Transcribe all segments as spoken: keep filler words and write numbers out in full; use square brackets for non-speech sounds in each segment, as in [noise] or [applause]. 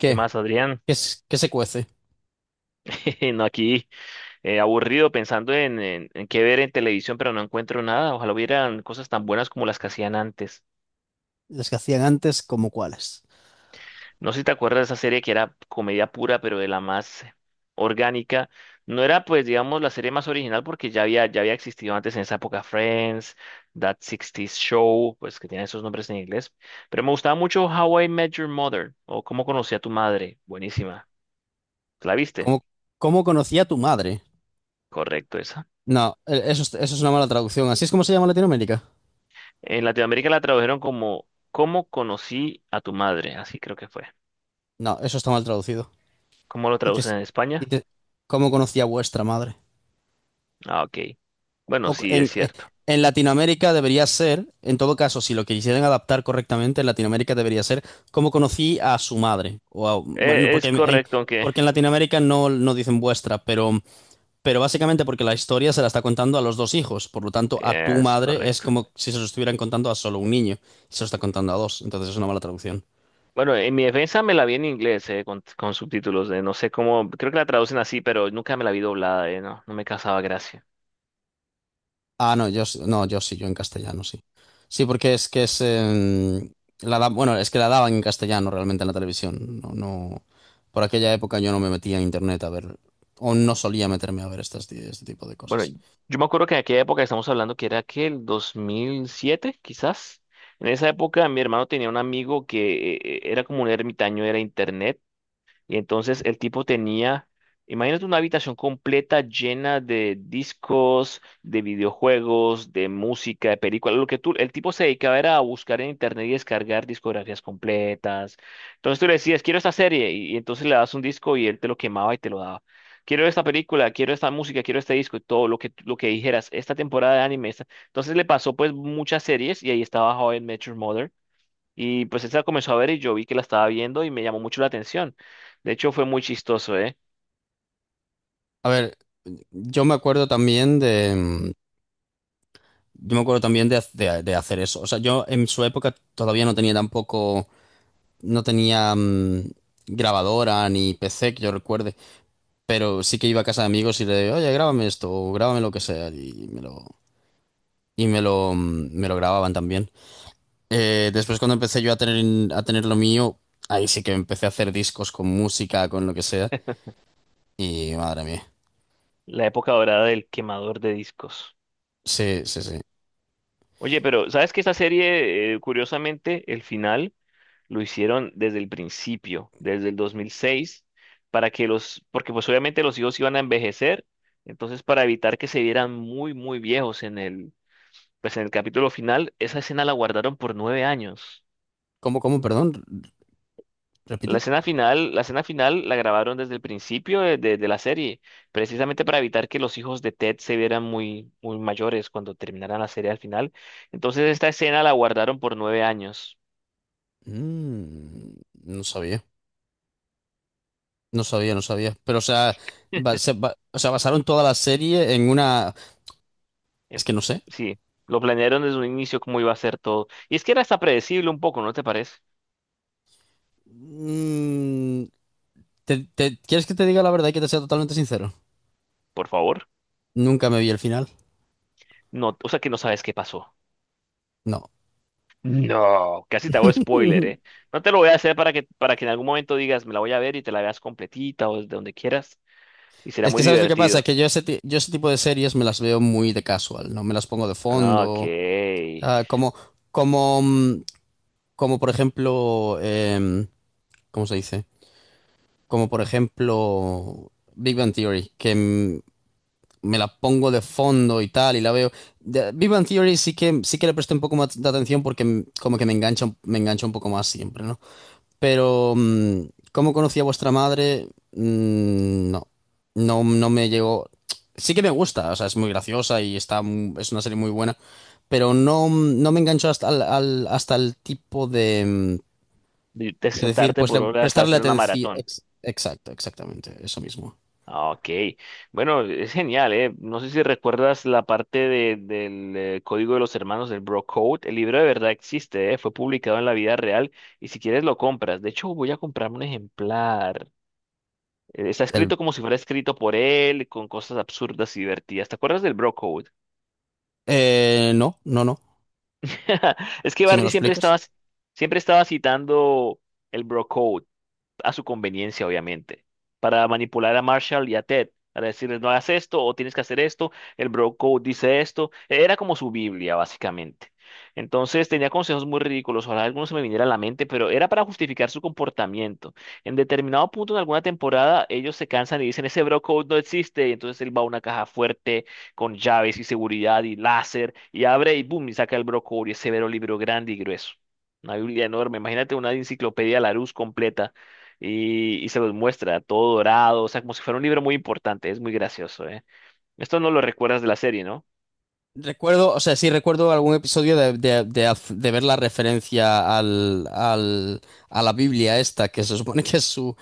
¿Qué más, Adrián? ¿Qué, es- ¿qué se cuece? [laughs] No, aquí eh, aburrido pensando en, en, en qué ver en televisión, pero no encuentro nada. Ojalá hubieran cosas tan buenas como las que hacían antes. Las que hacían antes, ¿como cuáles? No sé si te acuerdas de esa serie que era comedia pura, pero de la más orgánica. No era, pues, digamos, la serie más original porque ya había, ya había existido antes en esa época Friends, That sesenta Show, pues que tiene esos nombres en inglés. Pero me gustaba mucho How I Met Your Mother o Cómo conocí a tu madre. Buenísima. ¿La viste? ¿Cómo, cómo conocía a tu madre? Correcto, esa. No, eh, eso, es- eso es una mala traducción. ¿Así es como se llama en Latinoamérica? En Latinoamérica la tradujeron como ¿Cómo conocí a tu madre? Así creo que fue. No, eso está mal traducido. ¿Cómo lo Y te, traducen en Y España? te- ¿Cómo conocía a vuestra madre? Ah, ok. Bueno, O co- sí, en, es eh, cierto. en Latinoamérica debería ser, en todo caso, si lo quisieran adaptar correctamente, en Latinoamérica debería ser cómo conocí a su madre. O a- bueno, Eh, porque Es en, en- correcto, aunque porque en Latinoamérica no, no dicen vuestra, pero Pero básicamente porque la historia se la está contando a los dos hijos, por lo tanto a tu es madre es correcto. como si se lo estuvieran contando a solo un niño, y se lo está contando a dos, entonces es una mala traducción. Bueno, en mi defensa me la vi en inglés, eh, con, con subtítulos. Eh, no sé cómo, creo que la traducen así, pero nunca me la vi doblada, eh, no, no me causaba gracia. Ah, no, yo sí- no, yo sí, yo en castellano sí. Sí, porque es que es em, la da- bueno, es que la daban en castellano realmente en la televisión. No, no, por aquella época yo no me metía en internet a ver, o no solía meterme a ver estas, este tipo de Bueno, cosas. yo me acuerdo que en aquella época estamos hablando que era que el dos mil siete quizás. En esa época mi hermano tenía un amigo que eh, eh, era como un ermitaño, era internet. Y entonces el tipo tenía, imagínate una habitación completa llena de discos, de videojuegos, de música, de películas. Lo que tú, el tipo se dedicaba era a buscar en internet y descargar discografías completas. Entonces tú le decías, quiero esta serie, y, y entonces le das un disco y él te lo quemaba y te lo daba. Quiero esta película, quiero esta música, quiero este disco, y todo lo que, lo que dijeras, esta temporada de anime. esta- Entonces le pasó pues muchas series y ahí estaba How I Met Your Mother y pues él se la comenzó a ver y yo vi que la estaba viendo y me llamó mucho la atención. De hecho, fue muy chistoso, ¿eh? A ver, yo me acuerdo también de, em, yo me acuerdo también de, de- de hacer eso. O sea, yo en su época todavía no tenía tampoco, no tenía mm, grabadora ni P C que yo recuerde, pero sí que iba a casa de amigos y le, oye, grábame esto o grábame lo que sea y me lo, y me lo, mm, me lo grababan también. Eh, después cuando empecé yo a tener, a tener lo mío, ahí sí que empecé a hacer discos con música, con lo que sea y madre mía. La época dorada del quemador de discos. Sí, sí, sí. Oye, pero ¿sabes que esta serie, eh, curiosamente, el final lo hicieron desde el principio, desde el dos mil seis, para que los, porque pues obviamente los hijos iban a envejecer, entonces para evitar que se vieran muy, muy viejos en el, pues en el capítulo final, esa escena la guardaron por nueve años. ¿Cómo, cómo, perdón? La ¿Repite? escena final, la escena final la grabaron desde el principio de, de- de la serie, precisamente para evitar que los hijos de Ted se vieran muy, muy mayores cuando terminaran la serie al final. Entonces esta escena la guardaron por nueve años. Mm, no sabía. No sabía, no sabía. Pero, o sea, ba- [laughs] se ba- o sea, basaron toda la serie en una… Es En- que no sé. Sí, lo planearon desde un inicio cómo iba a ser todo. Y es que era hasta predecible un poco, ¿no te parece? Mm, ¿te, te- ¿quieres que te diga la verdad y que te sea totalmente sincero? Por favor. Nunca me vi el final. No, o sea que no sabes qué pasó. No. No, casi te hago spoiler, ¿eh? [laughs] No te lo voy a hacer para que, para que en algún momento digas, me la voy a ver y te la veas completita o desde donde quieras. Y será Es que, muy ¿sabes lo que pasa? divertido. Que yo ese, ti- yo ese tipo de series me las veo muy de casual, ¿no? Me las pongo de Ah, ok. fondo. De ah, como, como, mm, como por ejemplo… em, ¿cómo se dice? Como por ejemplo… Big Bang Theory, que mm, me la pongo de fondo y tal, y la veo. De, Big Bang Theory sí que, sí que le presté un poco más de atención porque m- como que me engancha, un- me engancha un poco más siempre, ¿no? Pero, mm, ¿cómo conocí a vuestra madre? Mm, no, no, no me llegó. Sí que me gusta, o sea, es muy graciosa y está, mu- es una serie muy buena, pero no, no me enganchó hasta al, al- hasta el tipo de, mm, de de decir, sentarte pues por le- horas a prestarle hacer una atención. maratón. Ex- Exacto, exactamente, eso mismo. Ah, ok. Bueno, es genial, ¿eh? No sé si recuerdas la parte de- del eh, Código de los Hermanos del Bro Code. El libro de verdad existe, ¿eh? Fue publicado en la vida real y si quieres lo compras. De hecho, voy a comprarme un ejemplar. Eh, Está El, escrito como si fuera escrito por él, con cosas absurdas y divertidas. ¿Te acuerdas del Bro Code? eh, no, no, no. [laughs] Es que Si me lo Barney siempre explicas. estaba, siempre estaba citando el Bro Code a su conveniencia, obviamente, para manipular a Marshall y a Ted, para decirles no hagas esto o tienes que hacer esto, el bro code dice esto, era como su Biblia, básicamente. Entonces tenía consejos muy ridículos, ojalá algunos se me viniera a la mente, pero era para justificar su comportamiento. En determinado punto en alguna temporada, ellos se cansan y dicen, ese bro code no existe, y entonces él va a una caja fuerte con llaves y seguridad y láser, y abre y boom, y saca el bro code y ese vero libro grande y grueso. Una Biblia enorme, imagínate una enciclopedia Larousse completa y, y se los muestra todo dorado, o sea, como si fuera un libro muy importante, es muy gracioso, ¿eh? Esto no lo recuerdas de la serie, ¿no? Recuerdo, o sea, sí recuerdo algún episodio de, de- de haz- de ver la referencia al, al- a la Biblia esta, que se supone que es su,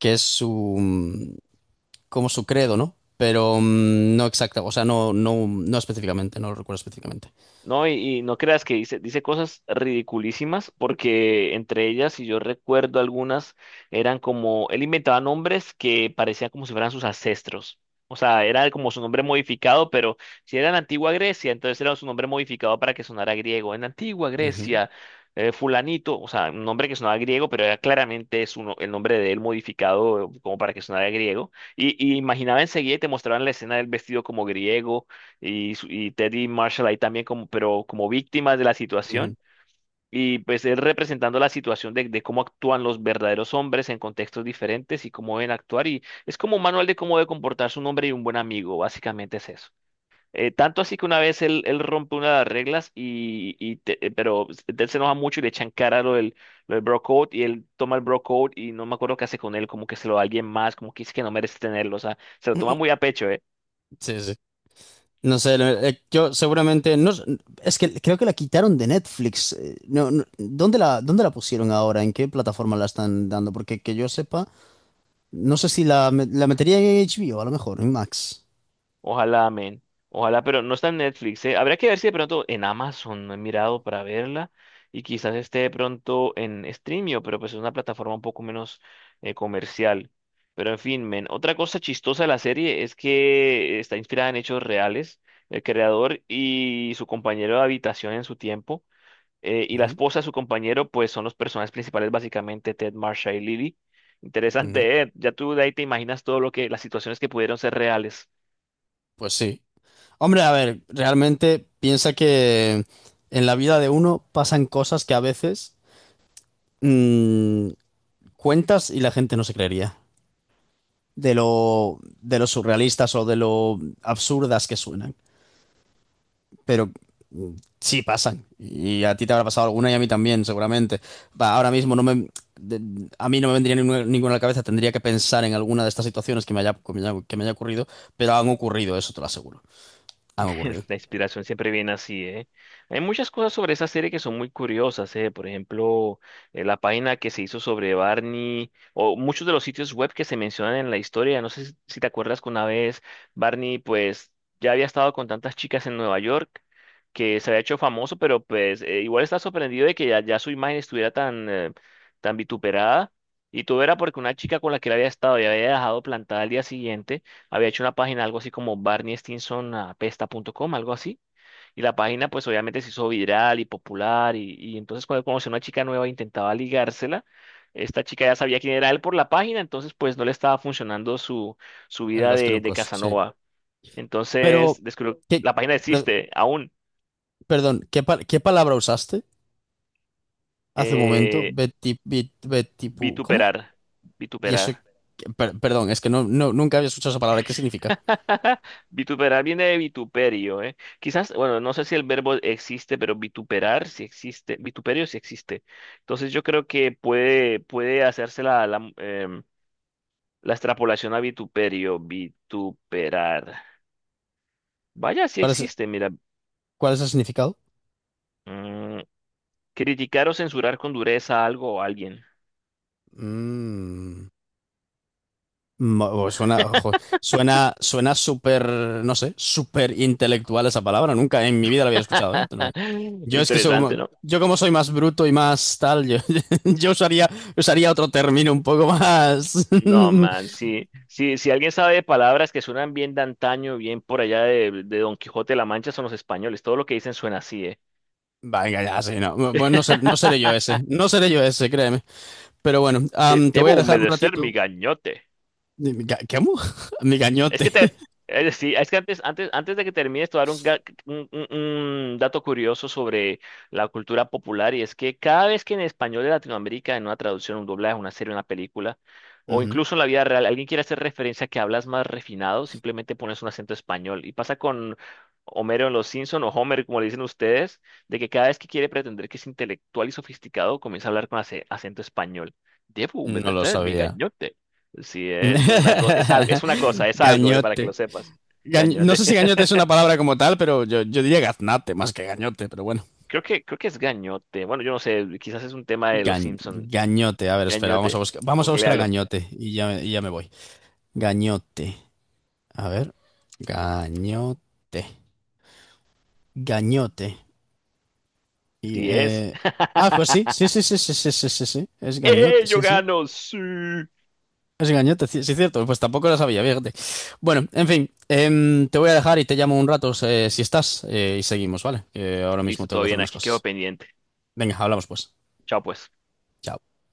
que es su, mm, como su credo, ¿no? Pero mm, no exacta, o sea, no, no, no específicamente, no lo recuerdo específicamente. No, y, y no creas que dice, dice cosas ridiculísimas, porque entre ellas, si yo recuerdo algunas, eran como, él inventaba nombres que parecían como si fueran sus ancestros. O sea, era como su nombre modificado, pero si era en antigua Grecia, entonces era su nombre modificado para que sonara griego. En antigua Ujú, Grecia, eh, fulanito, o sea, un nombre que sonaba griego, pero era claramente su no- el nombre de él modificado eh, como para que sonara griego. Y, y imaginaba enseguida y te mostraban la escena del vestido como griego y, su- y Teddy Marshall ahí también como, pero como víctimas de la ujú. situación. Y pues él representando la situación de, de cómo actúan los verdaderos hombres en contextos diferentes y cómo deben actuar. Y es como un manual de cómo debe comportarse un hombre y un buen amigo, básicamente es eso. Eh, tanto así que una vez él, él rompe una de las reglas, y, y te- eh, pero él se enoja mucho y le echan cara lo del, lo del bro code y él toma el bro code y no me acuerdo qué hace con él, como que se lo da a alguien más, como que dice que no merece tenerlo, o sea, se lo toma muy [laughs] a pecho, ¿eh? Sí, sí. No sé, eh, yo seguramente, no, s- es que creo que la quitaron de Netflix. eh, No, no- ¿dónde la, dónde la pusieron ahora? ¿En qué plataforma la están dando? Porque que yo sepa. No sé si la, me- la metería en H B o a lo mejor, en Max. Ojalá, amén. Ojalá, pero no está en Netflix, ¿eh? Habría que ver si de pronto en Amazon no he mirado para verla y quizás esté de pronto en Streamio, pero pues es una plataforma un poco menos eh, comercial. Pero en fin, men, otra cosa chistosa de la serie es que está inspirada en hechos reales. El creador y su compañero de habitación en su tiempo eh, y la Ujú, esposa de su compañero pues son los personajes principales básicamente Ted, Marsha y Lily. ujú. Interesante, ¿eh? Ya tú de ahí te imaginas todo lo que las situaciones que pudieron ser reales. Pues sí. Hombre, a ver, realmente piensa que en la vida de uno pasan cosas que a veces mm, cuentas y la gente no se creería. De lo, de lo surrealistas o de lo absurdas que suenan. Pero mm, sí pasan. Y a ti te habrá pasado alguna y a mí también, seguramente. Va, ahora mismo no me, de- a mí no me vendría ninguna, ninguna a la cabeza, tendría que pensar en alguna de estas situaciones que me haya, que me haya, que me haya ocurrido, pero han ocurrido, eso te lo aseguro. Han [laughs] ocurrido. La inspiración siempre viene así, ¿eh? Hay muchas cosas sobre esa serie que son muy curiosas, ¿eh? Por ejemplo, eh, la página que se hizo sobre Barney, o muchos de los sitios web que se mencionan en la historia. No sé si si te acuerdas que una vez Barney, pues, ya había estado con tantas chicas en Nueva York que se había hecho famoso, pero pues eh, igual está sorprendido de que ya, ya su imagen estuviera tan, eh, tan vituperada. Y todo era porque una chica con la que él había estado y había dejado plantada al día siguiente había hecho una página, algo así como barneystinson.apesta punto com, algo así. Y la página, pues obviamente se hizo viral y popular. Y, y entonces, cuando conoció una chica nueva, e intentaba ligársela. Esta chica ya sabía quién era él por la página, entonces, pues no le estaba funcionando su, su En vida los de, de trucos, sí. Casanova. Pero, Entonces, descubrió, ¿qué, la página per- existe aún. perdón, ¿qué, pa- qué palabra usaste hace un momento? eh, Beti, bit- betipu- ¿cómo? Vituperar. Y eso, Vituperar. per- perdón, es que no, no, nunca había escuchado esa palabra. ¿Qué significa? [laughs] Vituperar viene de vituperio, ¿eh? Quizás, bueno, no sé si el verbo existe, pero vituperar sí existe, vituperio sí existe. Entonces yo creo que puede, puede hacerse la, la, em, la extrapolación a vituperio, vituperar. Vaya, sí ¿Cuál es, existe, mira. ¿cuál es el significado? Mm, criticar o censurar con dureza a algo o alguien. Mm. Ma- o Suena, ojo, suena, suena súper, no sé, súper intelectual esa palabra. Nunca en mi vida la había escuchado, ¿eh? Te lo digo. [laughs] Yo es que soy como, Interesante, ¿no? yo como soy más bruto y más tal, yo, [laughs] yo usaría, usaría otro término un poco más. No, [laughs] man, sí, sí, si alguien sabe de palabras que suenan bien de antaño, bien por allá de, de Don Quijote de la Mancha, son los españoles. Todo lo que dicen suena así, ¿eh? Venga, ya, sí, no. Bueno, no, ser- no seré yo [laughs] ese. No seré yo ese, créeme. Pero bueno, De- am, te voy Debo a dejar un humedecer mi ratito. gañote. Mi ga- ¿Qué amo? [laughs] Mi Es gañote. que te, eh, sí, es que antes, antes, antes de que termines, te voy a dar un, ga- un- un- un dato curioso sobre la cultura popular y es que cada vez que en español de Latinoamérica, en una traducción, un doblaje, una serie, una película, [laughs] o Ujú. incluso en la vida real, alguien quiere hacer referencia a que hablas más refinado, simplemente pones un acento español. Y pasa con Homero en Los Simpson o Homer, como le dicen ustedes, de que cada vez que quiere pretender que es intelectual y sofisticado, comienza a hablar con ace- acento español. Debo No lo humedecer mi sabía. gañote. Sí, eh, es como una cosa, es, al- es una cosa, [laughs] es algo, eh, para que Gañote. lo sepas. Ga- No Gañote. sé si gañote [laughs] es una palabra como tal, pero yo, yo diría gaznate más que gañote, pero bueno. Creo que, creo que es gañote. Bueno, yo no sé, quizás es un tema de los Gañ- Simpson. Gañote, a ver, espera, vamos a Gañote, buscar, vamos a buscar a googlealo. gañote y ya, y ya me voy. Gañote, a ver, gañote, gañote. Y, Sí es. eh, ah, pues sí, sí, [laughs] sí, sí, sí, sí, sí, sí, sí, es gañote, ¡Eh, yo sí, sí. gano! Sí. Es gañote, sí, sí, cierto, pues tampoco lo sabía, fíjate. Bueno, en fin, em, te voy a dejar y te llamo un rato eh, si estás eh, y seguimos, ¿vale? Que ahora mismo Listo, tengo todo que hacer bien, unas aquí quedo cosas. pendiente. Venga, hablamos pues. Chao, pues. Chao.